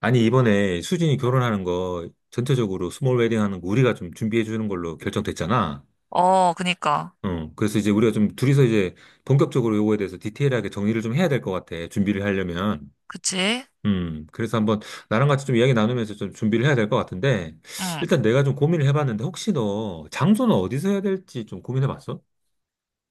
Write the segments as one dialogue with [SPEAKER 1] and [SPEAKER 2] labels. [SPEAKER 1] 아니, 이번에 수진이 결혼하는 거 전체적으로 스몰 웨딩 하는 거 우리가 좀 준비해 주는 걸로 결정됐잖아.
[SPEAKER 2] 어, 그니까.
[SPEAKER 1] 응. 그래서 이제 우리가 좀 둘이서 이제 본격적으로 요거에 대해서 디테일하게 정리를 좀 해야 될 것 같아. 준비를 하려면.
[SPEAKER 2] 그치?
[SPEAKER 1] 음. 그래서 한번 나랑 같이 좀 이야기 나누면서 좀 준비를 해야 될 것 같은데,
[SPEAKER 2] 응.
[SPEAKER 1] 일단 내가 좀 고민을 해봤는데 혹시 너 장소는 어디서 해야 될지 좀 고민해 봤어?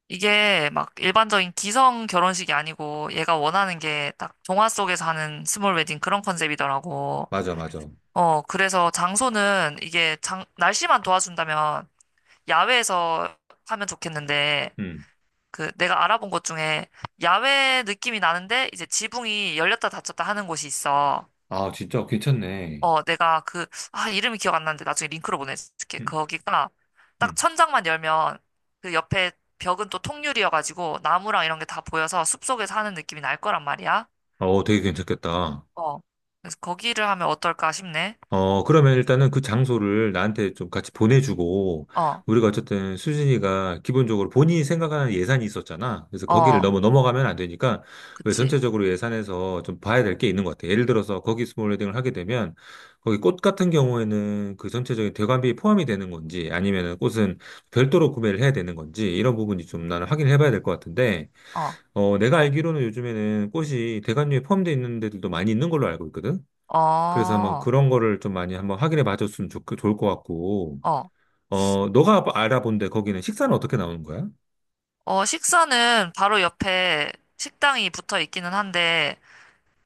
[SPEAKER 2] 이게 막 일반적인 기성 결혼식이 아니고 얘가 원하는 게 딱 동화 속에서 하는 스몰 웨딩 그런 컨셉이더라고.
[SPEAKER 1] 맞아, 맞아.
[SPEAKER 2] 어, 그래서 장소는 이게 날씨만 도와준다면 야외에서 하면 좋겠는데
[SPEAKER 1] 음.
[SPEAKER 2] 그 내가 알아본 곳 중에 야외 느낌이 나는데 이제 지붕이 열렸다 닫혔다 하는 곳이 있어.
[SPEAKER 1] 아, 진짜 괜찮네.
[SPEAKER 2] 어, 내가 아, 이름이 기억 안 나는데 나중에 링크로 보내줄게.
[SPEAKER 1] 음,
[SPEAKER 2] 거기가 딱
[SPEAKER 1] 음.
[SPEAKER 2] 천장만 열면 그 옆에 벽은 또 통유리여가지고 나무랑 이런 게 다 보여서 숲속에서 하는 느낌이 날 거란 말이야.
[SPEAKER 1] 어, 되게 괜찮겠다.
[SPEAKER 2] 어. 그래서 거기를 하면 어떨까 싶네.
[SPEAKER 1] 어, 그러면 일단은 그 장소를 나한테 좀 같이 보내주고,
[SPEAKER 2] 어,
[SPEAKER 1] 우리가 어쨌든 수진이가 기본적으로 본인이 생각하는 예산이 있었잖아. 그래서 거기를
[SPEAKER 2] 어,
[SPEAKER 1] 너무 넘어가면 안 되니까, 왜
[SPEAKER 2] 그치.
[SPEAKER 1] 전체적으로 예산에서 좀 봐야 될 게 있는 것 같아. 예를 들어서 거기 스몰웨딩을 하게 되면, 거기 꽃 같은 경우에는 그 전체적인 대관비 포함이 되는 건지, 아니면은 꽃은 별도로 구매를 해야 되는 건지, 이런 부분이 좀 나는 확인을 해봐야 될 것 같은데,
[SPEAKER 2] 어,
[SPEAKER 1] 어, 내가 알기로는 요즘에는 꽃이 대관료에 포함되어 있는 데들도 많이 있는 걸로 알고 있거든? 그래서 한번
[SPEAKER 2] 어,
[SPEAKER 1] 그런 거를 좀 많이 한번 확인해 봐줬으면 좋을 것 같고,
[SPEAKER 2] 어.
[SPEAKER 1] 어, 너가 알아본 데 거기는 식사는 어떻게 나오는 거야?
[SPEAKER 2] 어, 식사는 바로 옆에 식당이 붙어 있기는 한데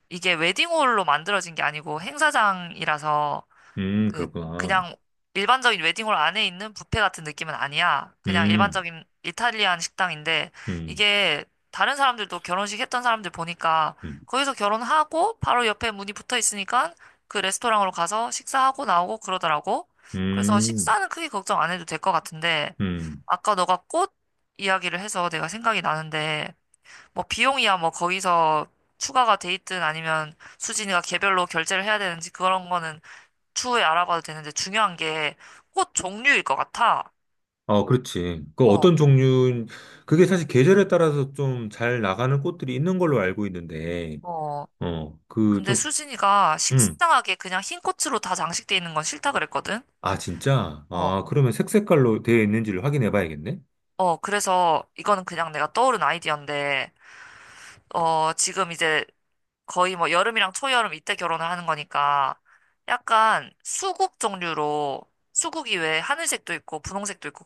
[SPEAKER 2] 이게 웨딩홀로 만들어진 게 아니고 행사장이라서 그
[SPEAKER 1] 그렇구나.
[SPEAKER 2] 그냥 일반적인 웨딩홀 안에 있는 뷔페 같은 느낌은 아니야. 그냥
[SPEAKER 1] 음,
[SPEAKER 2] 일반적인 이탈리안 식당인데
[SPEAKER 1] 음,
[SPEAKER 2] 이게 다른 사람들도 결혼식 했던 사람들 보니까
[SPEAKER 1] 음,
[SPEAKER 2] 거기서 결혼하고 바로 옆에 문이 붙어 있으니까 그 레스토랑으로 가서 식사하고 나오고 그러더라고. 그래서
[SPEAKER 1] 음,
[SPEAKER 2] 식사는 크게 걱정 안 해도 될 것 같은데
[SPEAKER 1] 음.
[SPEAKER 2] 아까 너가 꽃 이야기를 해서 내가 생각이 나는데 뭐 비용이야 뭐 거기서 추가가 돼 있든 아니면 수진이가 개별로 결제를 해야 되는지 그런 거는 추후에 알아봐도 되는데 중요한 게 꽃 종류일 것 같아.
[SPEAKER 1] 어, 그렇지. 그
[SPEAKER 2] 어,
[SPEAKER 1] 어떤 종류, 그게 사실 계절에 따라서 좀 잘 나가는 꽃들이 있는 걸로 알고 있는데,
[SPEAKER 2] 어.
[SPEAKER 1] 어, 그
[SPEAKER 2] 근데
[SPEAKER 1] 좀,
[SPEAKER 2] 수진이가
[SPEAKER 1] 음.
[SPEAKER 2] 식상하게 그냥 흰 꽃으로 다 장식돼 있는 건 싫다 그랬거든?
[SPEAKER 1] 아, 진짜?
[SPEAKER 2] 어,
[SPEAKER 1] 아, 그러면 색 색깔로 되어 있는지를 확인해 봐야겠네?
[SPEAKER 2] 어. 그래서 이거는 그냥 내가 떠오른 아이디어인데, 어, 지금 이제 거의 뭐 여름이랑 초여름 이때 결혼을 하는 거니까 약간 수국 종류로 수국이 왜 하늘색도 있고 분홍색도 있고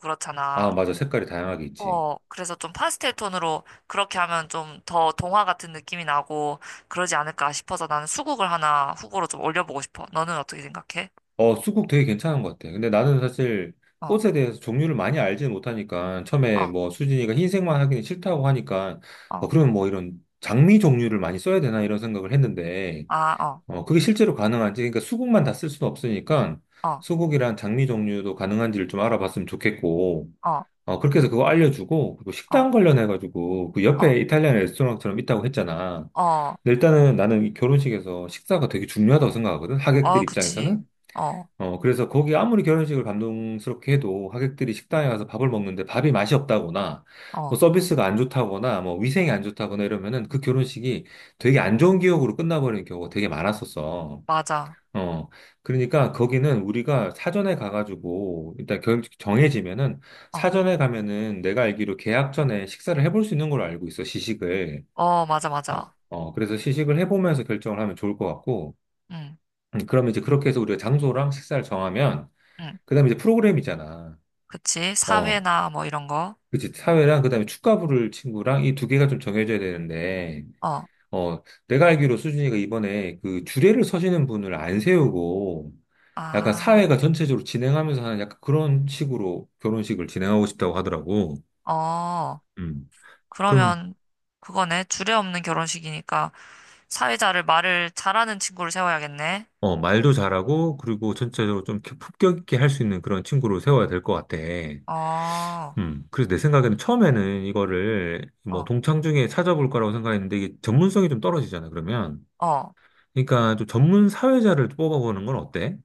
[SPEAKER 1] 아,
[SPEAKER 2] 그렇잖아.
[SPEAKER 1] 맞아. 색깔이 다양하게 있지.
[SPEAKER 2] 어, 그래서 좀 파스텔 톤으로 그렇게 하면 좀 더 동화 같은 느낌이 나고 그러지 않을까 싶어서 나는 수국을 하나 후보로 좀 올려보고 싶어. 너는 어떻게 생각해?
[SPEAKER 1] 어, 쑥국 되게 괜찮은 것 같아. 근데 나는 사실
[SPEAKER 2] 어,
[SPEAKER 1] 꽃에 대해서 종류를 많이 알지는 못하니까 처음에
[SPEAKER 2] 어,
[SPEAKER 1] 뭐 수진이가 흰색만 하기는 싫다고 하니까 어,
[SPEAKER 2] 어,
[SPEAKER 1] 그러면 뭐 이런 장미 종류를 많이 써야 되나 이런 생각을 했는데,
[SPEAKER 2] 아, 어,
[SPEAKER 1] 어, 그게 실제로 가능한지, 그러니까 수국만 다 쓸 수는 없으니까
[SPEAKER 2] 어,
[SPEAKER 1] 수국이랑 장미 종류도 가능한지를 좀 알아봤으면 좋겠고,
[SPEAKER 2] 어,
[SPEAKER 1] 어, 그렇게 해서 그거 알려주고 그리고
[SPEAKER 2] 어,
[SPEAKER 1] 식당 관련해가지고 그
[SPEAKER 2] 어,
[SPEAKER 1] 옆에 이탈리안 레스토랑처럼 있다고 했잖아.
[SPEAKER 2] 어,
[SPEAKER 1] 근데 일단은 나는 이 결혼식에서 식사가 되게 중요하다고 생각하거든. 하객들
[SPEAKER 2] 어,
[SPEAKER 1] 입장에서는.
[SPEAKER 2] 그치. 어,
[SPEAKER 1] 어, 그래서 거기 아무리 결혼식을 감동스럽게 해도 하객들이 식당에 가서 밥을 먹는데 밥이 맛이 없다거나 뭐
[SPEAKER 2] 어,
[SPEAKER 1] 서비스가 안 좋다거나 뭐 위생이 안 좋다거나 이러면은 그 결혼식이 되게 안 좋은 기억으로 끝나버리는 경우가 되게 많았었어.
[SPEAKER 2] 맞아.
[SPEAKER 1] 어, 그러니까 거기는 우리가 사전에 가가지고 일단 정해지면은
[SPEAKER 2] 어,
[SPEAKER 1] 사전에 가면은 내가 알기로 계약 전에 식사를 해볼 수 있는 걸로 알고 있어, 시식을.
[SPEAKER 2] 어, 맞아,
[SPEAKER 1] 어,
[SPEAKER 2] 맞아.
[SPEAKER 1] 어, 그래서 시식을 해보면서 결정을 하면 좋을 것 같고,
[SPEAKER 2] 응,
[SPEAKER 1] 그러면 이제 그렇게 해서 우리가 장소랑 식사를 정하면
[SPEAKER 2] 응,
[SPEAKER 1] 그다음에 이제 프로그램이잖아.
[SPEAKER 2] 그치.
[SPEAKER 1] 어,
[SPEAKER 2] 사회나 뭐 이런 거.
[SPEAKER 1] 그치. 사회랑 그다음에 축가부를 친구랑 이 두 개가 좀 정해져야 되는데,
[SPEAKER 2] 어,
[SPEAKER 1] 어, 내가 알기로 수진이가 이번에 그 주례를 서시는 분을 안 세우고, 약간
[SPEAKER 2] 아,
[SPEAKER 1] 사회가 전체적으로 진행하면서 하는 약간 그런 식으로 결혼식을 진행하고 싶다고 하더라고.
[SPEAKER 2] 어,
[SPEAKER 1] 음. 그러면
[SPEAKER 2] 그러면 그거네. 주례 없는 결혼식이니까. 사회자를 말을 잘하는 친구를 세워야겠네.
[SPEAKER 1] 어, 말도 잘하고 그리고 전체적으로 좀 품격 있게 할 수 있는 그런 친구로 세워야 될 것 같아.
[SPEAKER 2] 어,
[SPEAKER 1] 그래서 내 생각에는 처음에는 이거를 뭐
[SPEAKER 2] 어,
[SPEAKER 1] 동창 중에 찾아볼 거라고 생각했는데 이게 전문성이 좀 떨어지잖아, 그러면.
[SPEAKER 2] 어.
[SPEAKER 1] 그러니까 좀 전문 사회자를 뽑아보는 건 어때?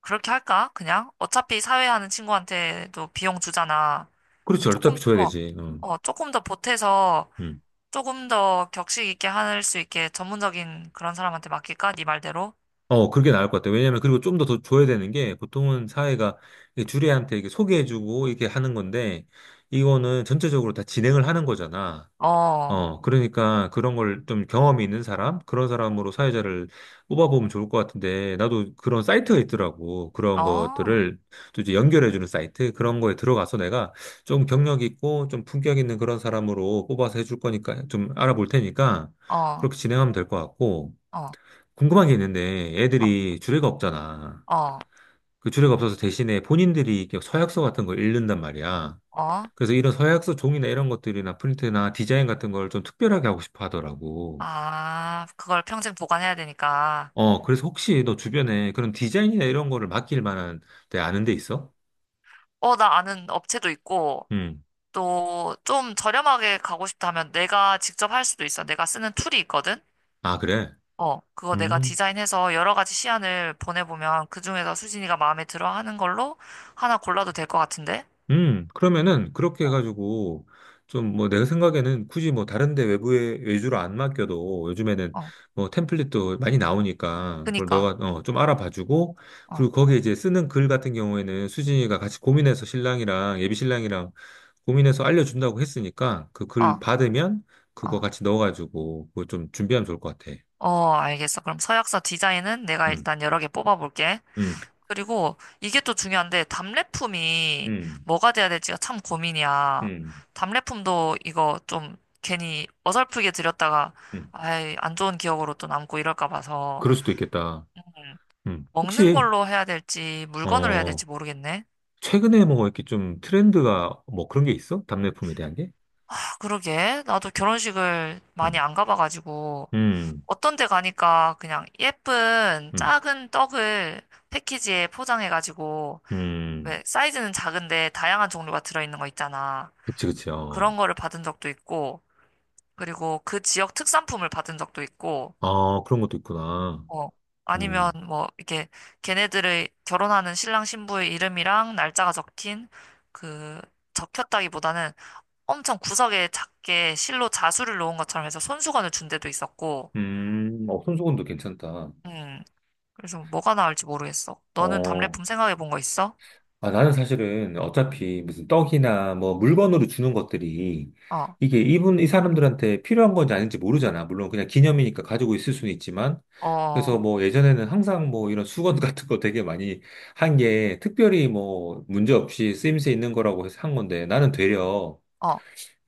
[SPEAKER 2] 그렇게 할까? 그냥? 어차피 사회하는 친구한테도 비용 주잖아.
[SPEAKER 1] 그렇지, 어차피
[SPEAKER 2] 조금,
[SPEAKER 1] 줘야
[SPEAKER 2] 어,
[SPEAKER 1] 되지. 응.
[SPEAKER 2] 어, 조금 더 보태서
[SPEAKER 1] 음.
[SPEAKER 2] 조금 더 격식 있게 할 수 있게 전문적인 그런 사람한테 맡길까? 네 말대로?
[SPEAKER 1] 어, 그게 나을 것 같아. 왜냐면 그리고 좀 더 더 줘야 되는 게 보통은 사회가 이게 주례한테 이렇게 소개해주고 이렇게 하는 건데 이거는 전체적으로 다 진행을 하는 거잖아.
[SPEAKER 2] 어, 어,
[SPEAKER 1] 어, 그러니까 그런 걸 좀 경험이 있는 사람, 그런 사람으로 사회자를 뽑아보면 좋을 것 같은데, 나도 그런 사이트가 있더라고. 그런
[SPEAKER 2] 어,
[SPEAKER 1] 것들을 또 이제 연결해주는 사이트, 그런 거에 들어가서 내가 좀 경력 있고 좀 품격 있는 그런 사람으로 뽑아서 해줄 거니까 좀 알아볼 테니까
[SPEAKER 2] 어,
[SPEAKER 1] 그렇게 진행하면 될 것 같고, 궁금한 게 있는데
[SPEAKER 2] 어,
[SPEAKER 1] 애들이 주례가 없잖아.
[SPEAKER 2] 어,
[SPEAKER 1] 그 주례가 없어서 대신에 본인들이 이렇게 서약서 같은 걸 읽는단 말이야.
[SPEAKER 2] 어.
[SPEAKER 1] 그래서 이런 서약서 종이나 이런 것들이나 프린트나 디자인 같은 걸 좀 특별하게 하고 싶어 하더라고.
[SPEAKER 2] 아, 그걸 평생 보관해야 되니까.
[SPEAKER 1] 어, 그래서 혹시 너 주변에 그런 디자인이나 이런 거를 맡길 만한 데 아는 데 있어?
[SPEAKER 2] 어, 나 아는 업체도 있고,
[SPEAKER 1] 음.
[SPEAKER 2] 또 좀 저렴하게 가고 싶다면 내가 직접 할 수도 있어. 내가 쓰는 툴이 있거든?
[SPEAKER 1] 아, 그래?
[SPEAKER 2] 어, 그거 내가 디자인해서 여러 가지 시안을 보내보면 그중에서 수진이가 마음에 들어 하는 걸로 하나 골라도 될 것 같은데?
[SPEAKER 1] 그러면은 그렇게
[SPEAKER 2] 어,
[SPEAKER 1] 해가지고 좀 뭐 내가 생각에는 굳이 뭐 다른 데 외부에 외주로 안 맡겨도 요즘에는
[SPEAKER 2] 어,
[SPEAKER 1] 뭐 템플릿도 많이 나오니까 그걸
[SPEAKER 2] 그니까.
[SPEAKER 1] 너가 어, 좀 알아봐주고
[SPEAKER 2] 어,
[SPEAKER 1] 그리고 거기에 이제 쓰는 글 같은 경우에는 수진이가 같이 고민해서 신랑이랑 예비 신랑이랑 고민해서 알려준다고 했으니까 그 글
[SPEAKER 2] 어,
[SPEAKER 1] 받으면 그거
[SPEAKER 2] 어.
[SPEAKER 1] 같이 넣어가지고 그거 좀 준비하면 좋을 것 같아.
[SPEAKER 2] 어, 알겠어. 그럼 서약서 디자인은 내가
[SPEAKER 1] 음,
[SPEAKER 2] 일단 여러 개 뽑아볼게.
[SPEAKER 1] 음,
[SPEAKER 2] 그리고 이게 또 중요한데 답례품이
[SPEAKER 1] 음,
[SPEAKER 2] 뭐가 돼야 될지가 참 고민이야.
[SPEAKER 1] 음,
[SPEAKER 2] 답례품도 이거 좀 괜히 어설프게 드렸다가
[SPEAKER 1] 음.
[SPEAKER 2] 아이 안 좋은 기억으로 또 남고 이럴까 봐서
[SPEAKER 1] 그럴 수도 있겠다.
[SPEAKER 2] 먹는
[SPEAKER 1] 혹시
[SPEAKER 2] 걸로 해야 될지 물건으로 해야
[SPEAKER 1] 어.
[SPEAKER 2] 될지 모르겠네.
[SPEAKER 1] 최근에 뭐 이렇게 좀 트렌드가 뭐 그런 게 있어? 답례품에 대한 게?
[SPEAKER 2] 아, 그러게 나도 결혼식을 많이
[SPEAKER 1] 음,
[SPEAKER 2] 안 가봐가지고
[SPEAKER 1] 음,
[SPEAKER 2] 어떤 데 가니까 그냥 예쁜
[SPEAKER 1] 음,
[SPEAKER 2] 작은 떡을 패키지에 포장해가지고
[SPEAKER 1] 음.
[SPEAKER 2] 왜 사이즈는 작은데 다양한 종류가 들어있는 거 있잖아.
[SPEAKER 1] 그치, 그치. 어.
[SPEAKER 2] 그런 거를 받은 적도 있고, 그리고 그 지역 특산품을 받은 적도 있고,
[SPEAKER 1] 아, 그런 것도 있구나.
[SPEAKER 2] 어, 아니면
[SPEAKER 1] 음,
[SPEAKER 2] 뭐, 이렇게 걔네들의 결혼하는 신랑 신부의 이름이랑 날짜가 적힌 그, 적혔다기보다는 엄청 구석에 작게 실로 자수를 놓은 것처럼 해서 손수건을 준 데도 있었고,
[SPEAKER 1] 어, 손수건도 괜찮다.
[SPEAKER 2] 음, 그래서 뭐가 나을지 모르겠어. 너는
[SPEAKER 1] 어,
[SPEAKER 2] 답례품 생각해 본 거 있어?
[SPEAKER 1] 아, 나는 사실은 어차피 무슨 떡이나 뭐 물건으로 주는 것들이
[SPEAKER 2] 어,
[SPEAKER 1] 이게 이 사람들한테 필요한 건지 아닌지 모르잖아. 물론 그냥 기념이니까 가지고 있을 수는 있지만.
[SPEAKER 2] 어,
[SPEAKER 1] 그래서
[SPEAKER 2] 어,
[SPEAKER 1] 뭐 예전에는 항상 뭐 이런 수건 같은 거 되게 많이 한 게 특별히 뭐 문제 없이 쓰임새 있는 거라고 해서 한 건데 나는 되려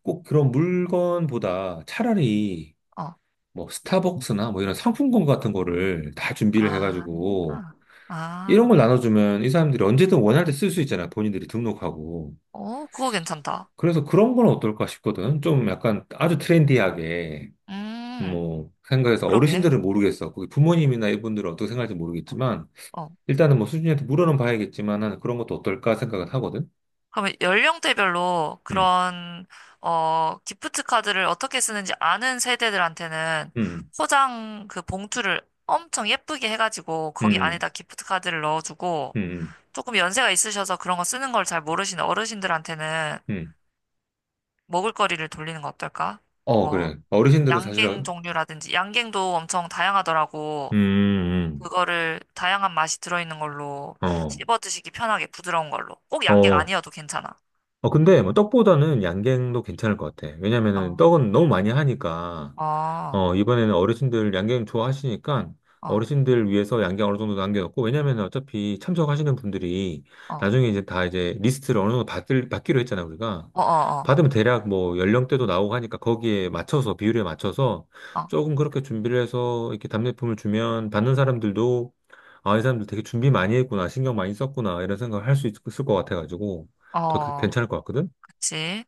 [SPEAKER 1] 꼭 그런 물건보다 차라리
[SPEAKER 2] 어,
[SPEAKER 1] 뭐 스타벅스나 뭐 이런 상품권 같은 거를 다 준비를
[SPEAKER 2] 아,
[SPEAKER 1] 해가지고 이런
[SPEAKER 2] 아,
[SPEAKER 1] 걸 나눠주면 이 사람들이 언제든 원할 때 쓸 수 있잖아. 본인들이 등록하고.
[SPEAKER 2] 어, 그거 괜찮다.
[SPEAKER 1] 그래서 그런 건 어떨까 싶거든. 좀 약간 아주 트렌디하게,
[SPEAKER 2] 음,
[SPEAKER 1] 뭐, 생각해서
[SPEAKER 2] 그러게.
[SPEAKER 1] 어르신들은 모르겠어. 거기 부모님이나 이분들은 어떻게 생각할지 모르겠지만,
[SPEAKER 2] 어.
[SPEAKER 1] 일단은 뭐 수진이한테 물어는 봐야겠지만, 은 그런 것도 어떨까 생각은 하거든.
[SPEAKER 2] 그러면 연령대별로
[SPEAKER 1] 음,
[SPEAKER 2] 그런, 어, 기프트 카드를 어떻게 쓰는지 아는 세대들한테는
[SPEAKER 1] 음,
[SPEAKER 2] 포장 그 봉투를 엄청 예쁘게 해가지고 거기
[SPEAKER 1] 음,
[SPEAKER 2] 안에다 기프트 카드를 넣어주고
[SPEAKER 1] 음, 음.
[SPEAKER 2] 조금 연세가 있으셔서 그런 거 쓰는 걸 잘 모르시는 어르신들한테는
[SPEAKER 1] 음.
[SPEAKER 2] 먹을거리를 돌리는 거 어떨까?
[SPEAKER 1] 어,
[SPEAKER 2] 뭐,
[SPEAKER 1] 그래. 어르신들은 사실,
[SPEAKER 2] 양갱 종류라든지, 양갱도 엄청 다양하더라고.
[SPEAKER 1] 음.
[SPEAKER 2] 그거를 다양한 맛이 들어있는 걸로
[SPEAKER 1] 음. 어,
[SPEAKER 2] 씹어 드시기 편하게 부드러운 걸로. 꼭 양갱
[SPEAKER 1] 어.
[SPEAKER 2] 아니어도 괜찮아.
[SPEAKER 1] 어, 근데 뭐 떡보다는 양갱도 괜찮을 것 같아. 왜냐면은
[SPEAKER 2] 어.
[SPEAKER 1] 떡은 너무 많이 하니까,
[SPEAKER 2] 어.
[SPEAKER 1] 어, 이번에는 어르신들 양갱 좋아하시니까
[SPEAKER 2] 어.
[SPEAKER 1] 어르신들 위해서 양갱 어느 정도 남겨놓고, 왜냐면 어차피 참석하시는 분들이
[SPEAKER 2] 어,
[SPEAKER 1] 나중에 이제 다 이제 리스트를 어느 정도 받기로 했잖아, 우리가.
[SPEAKER 2] 어, 어,
[SPEAKER 1] 받으면 대략 뭐 연령대도 나오고 하니까 거기에 맞춰서, 비율에 맞춰서
[SPEAKER 2] 어,
[SPEAKER 1] 조금 그렇게 준비를 해서 이렇게 답례품을 주면 받는 사람들도 아, 이 사람들 되게 준비 많이 했구나, 신경 많이 썼구나, 이런 생각을 할 수 있을 것 같아가지고
[SPEAKER 2] 어,
[SPEAKER 1] 더
[SPEAKER 2] 어,
[SPEAKER 1] 괜찮을 것 같거든?
[SPEAKER 2] 그치.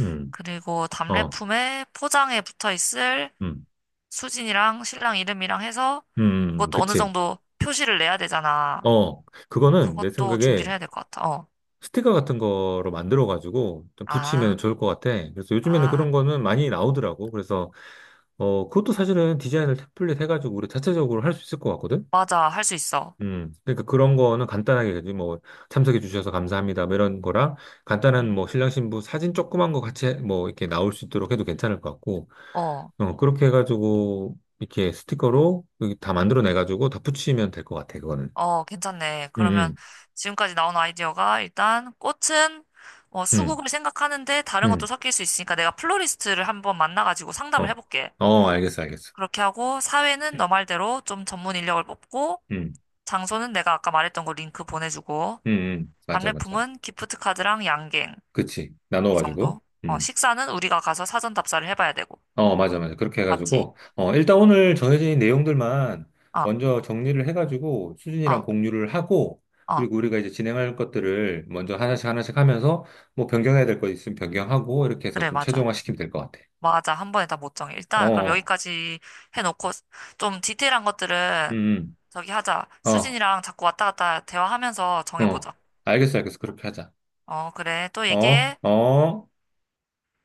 [SPEAKER 1] 음,
[SPEAKER 2] 그리고
[SPEAKER 1] 어,
[SPEAKER 2] 답례품에 포장에 붙어 있을
[SPEAKER 1] 음,
[SPEAKER 2] 수진이랑 신랑 이름이랑 해서 그것도 어느
[SPEAKER 1] 그치.
[SPEAKER 2] 정도 표시를 내야 되잖아.
[SPEAKER 1] 어, 그거는 내
[SPEAKER 2] 그것도 준비를
[SPEAKER 1] 생각에
[SPEAKER 2] 해야 될 것 같아. 어.
[SPEAKER 1] 스티커 같은 거로 만들어가지고 좀 붙이면
[SPEAKER 2] 아,
[SPEAKER 1] 좋을 것 같아. 그래서 요즘에는
[SPEAKER 2] 아,
[SPEAKER 1] 그런 거는 많이 나오더라고. 그래서, 어, 그것도 사실은 디자인을 템플릿 해가지고 우리 자체적으로 할 수 있을 것 같거든?
[SPEAKER 2] 맞아. 할 수 있어.
[SPEAKER 1] 그러니까 그런 거는 간단하게, 그지? 뭐, 참석해 주셔서 감사합니다. 뭐 이런 거랑 간단한
[SPEAKER 2] 응?
[SPEAKER 1] 뭐, 신랑 신부 사진 조그만 거 같이 뭐, 이렇게 나올 수 있도록 해도 괜찮을 것 같고,
[SPEAKER 2] 어,
[SPEAKER 1] 어, 그렇게 해가지고 이렇게 스티커로 여기 다 만들어내가지고 다 붙이면 될 것 같아, 그거는.
[SPEAKER 2] 어, 괜찮네.
[SPEAKER 1] 음,
[SPEAKER 2] 그러면
[SPEAKER 1] 음,
[SPEAKER 2] 지금까지 나온 아이디어가 일단 꽃은 어,
[SPEAKER 1] 음.
[SPEAKER 2] 수국을 생각하는데 다른 것도
[SPEAKER 1] 음.
[SPEAKER 2] 섞일 수 있으니까 내가 플로리스트를 한번 만나가지고 상담을
[SPEAKER 1] 어,
[SPEAKER 2] 해볼게.
[SPEAKER 1] 어, 알겠어, 알겠어.
[SPEAKER 2] 그렇게 하고 사회는 너 말대로 좀 전문 인력을 뽑고
[SPEAKER 1] 음,
[SPEAKER 2] 장소는 내가 아까 말했던 거 링크 보내주고
[SPEAKER 1] 음, 맞아, 맞아.
[SPEAKER 2] 답례품은 기프트 카드랑 양갱
[SPEAKER 1] 그치.
[SPEAKER 2] 이
[SPEAKER 1] 나눠가지고.
[SPEAKER 2] 정도. 어,
[SPEAKER 1] 음,
[SPEAKER 2] 식사는 우리가 가서 사전 답사를 해봐야 되고
[SPEAKER 1] 어, 맞아, 맞아. 그렇게
[SPEAKER 2] 맞지?
[SPEAKER 1] 해가지고. 어, 일단 오늘 정해진 내용들만
[SPEAKER 2] 어,
[SPEAKER 1] 먼저 정리를 해가지고 수진이랑
[SPEAKER 2] 어,
[SPEAKER 1] 공유를 하고,
[SPEAKER 2] 어,
[SPEAKER 1] 그리고 우리가 이제 진행할 것들을 먼저 하나씩 하나씩 하면서 뭐 변경해야 될 거 있으면 변경하고, 이렇게 해서
[SPEAKER 2] 그래
[SPEAKER 1] 좀
[SPEAKER 2] 맞아.
[SPEAKER 1] 최종화 시키면 될 것 같아.
[SPEAKER 2] 맞아. 한 번에 다 못 정해. 일단 그럼
[SPEAKER 1] 어,
[SPEAKER 2] 여기까지 해놓고 좀 디테일한
[SPEAKER 1] 음,
[SPEAKER 2] 것들은 저기 하자.
[SPEAKER 1] 어,
[SPEAKER 2] 수진이랑 자꾸 왔다 갔다 대화하면서
[SPEAKER 1] 어.
[SPEAKER 2] 정해보자.
[SPEAKER 1] 알겠어, 알겠어. 그렇게 하자.
[SPEAKER 2] 어, 그래. 또
[SPEAKER 1] 어,
[SPEAKER 2] 얘기해.
[SPEAKER 1] 어.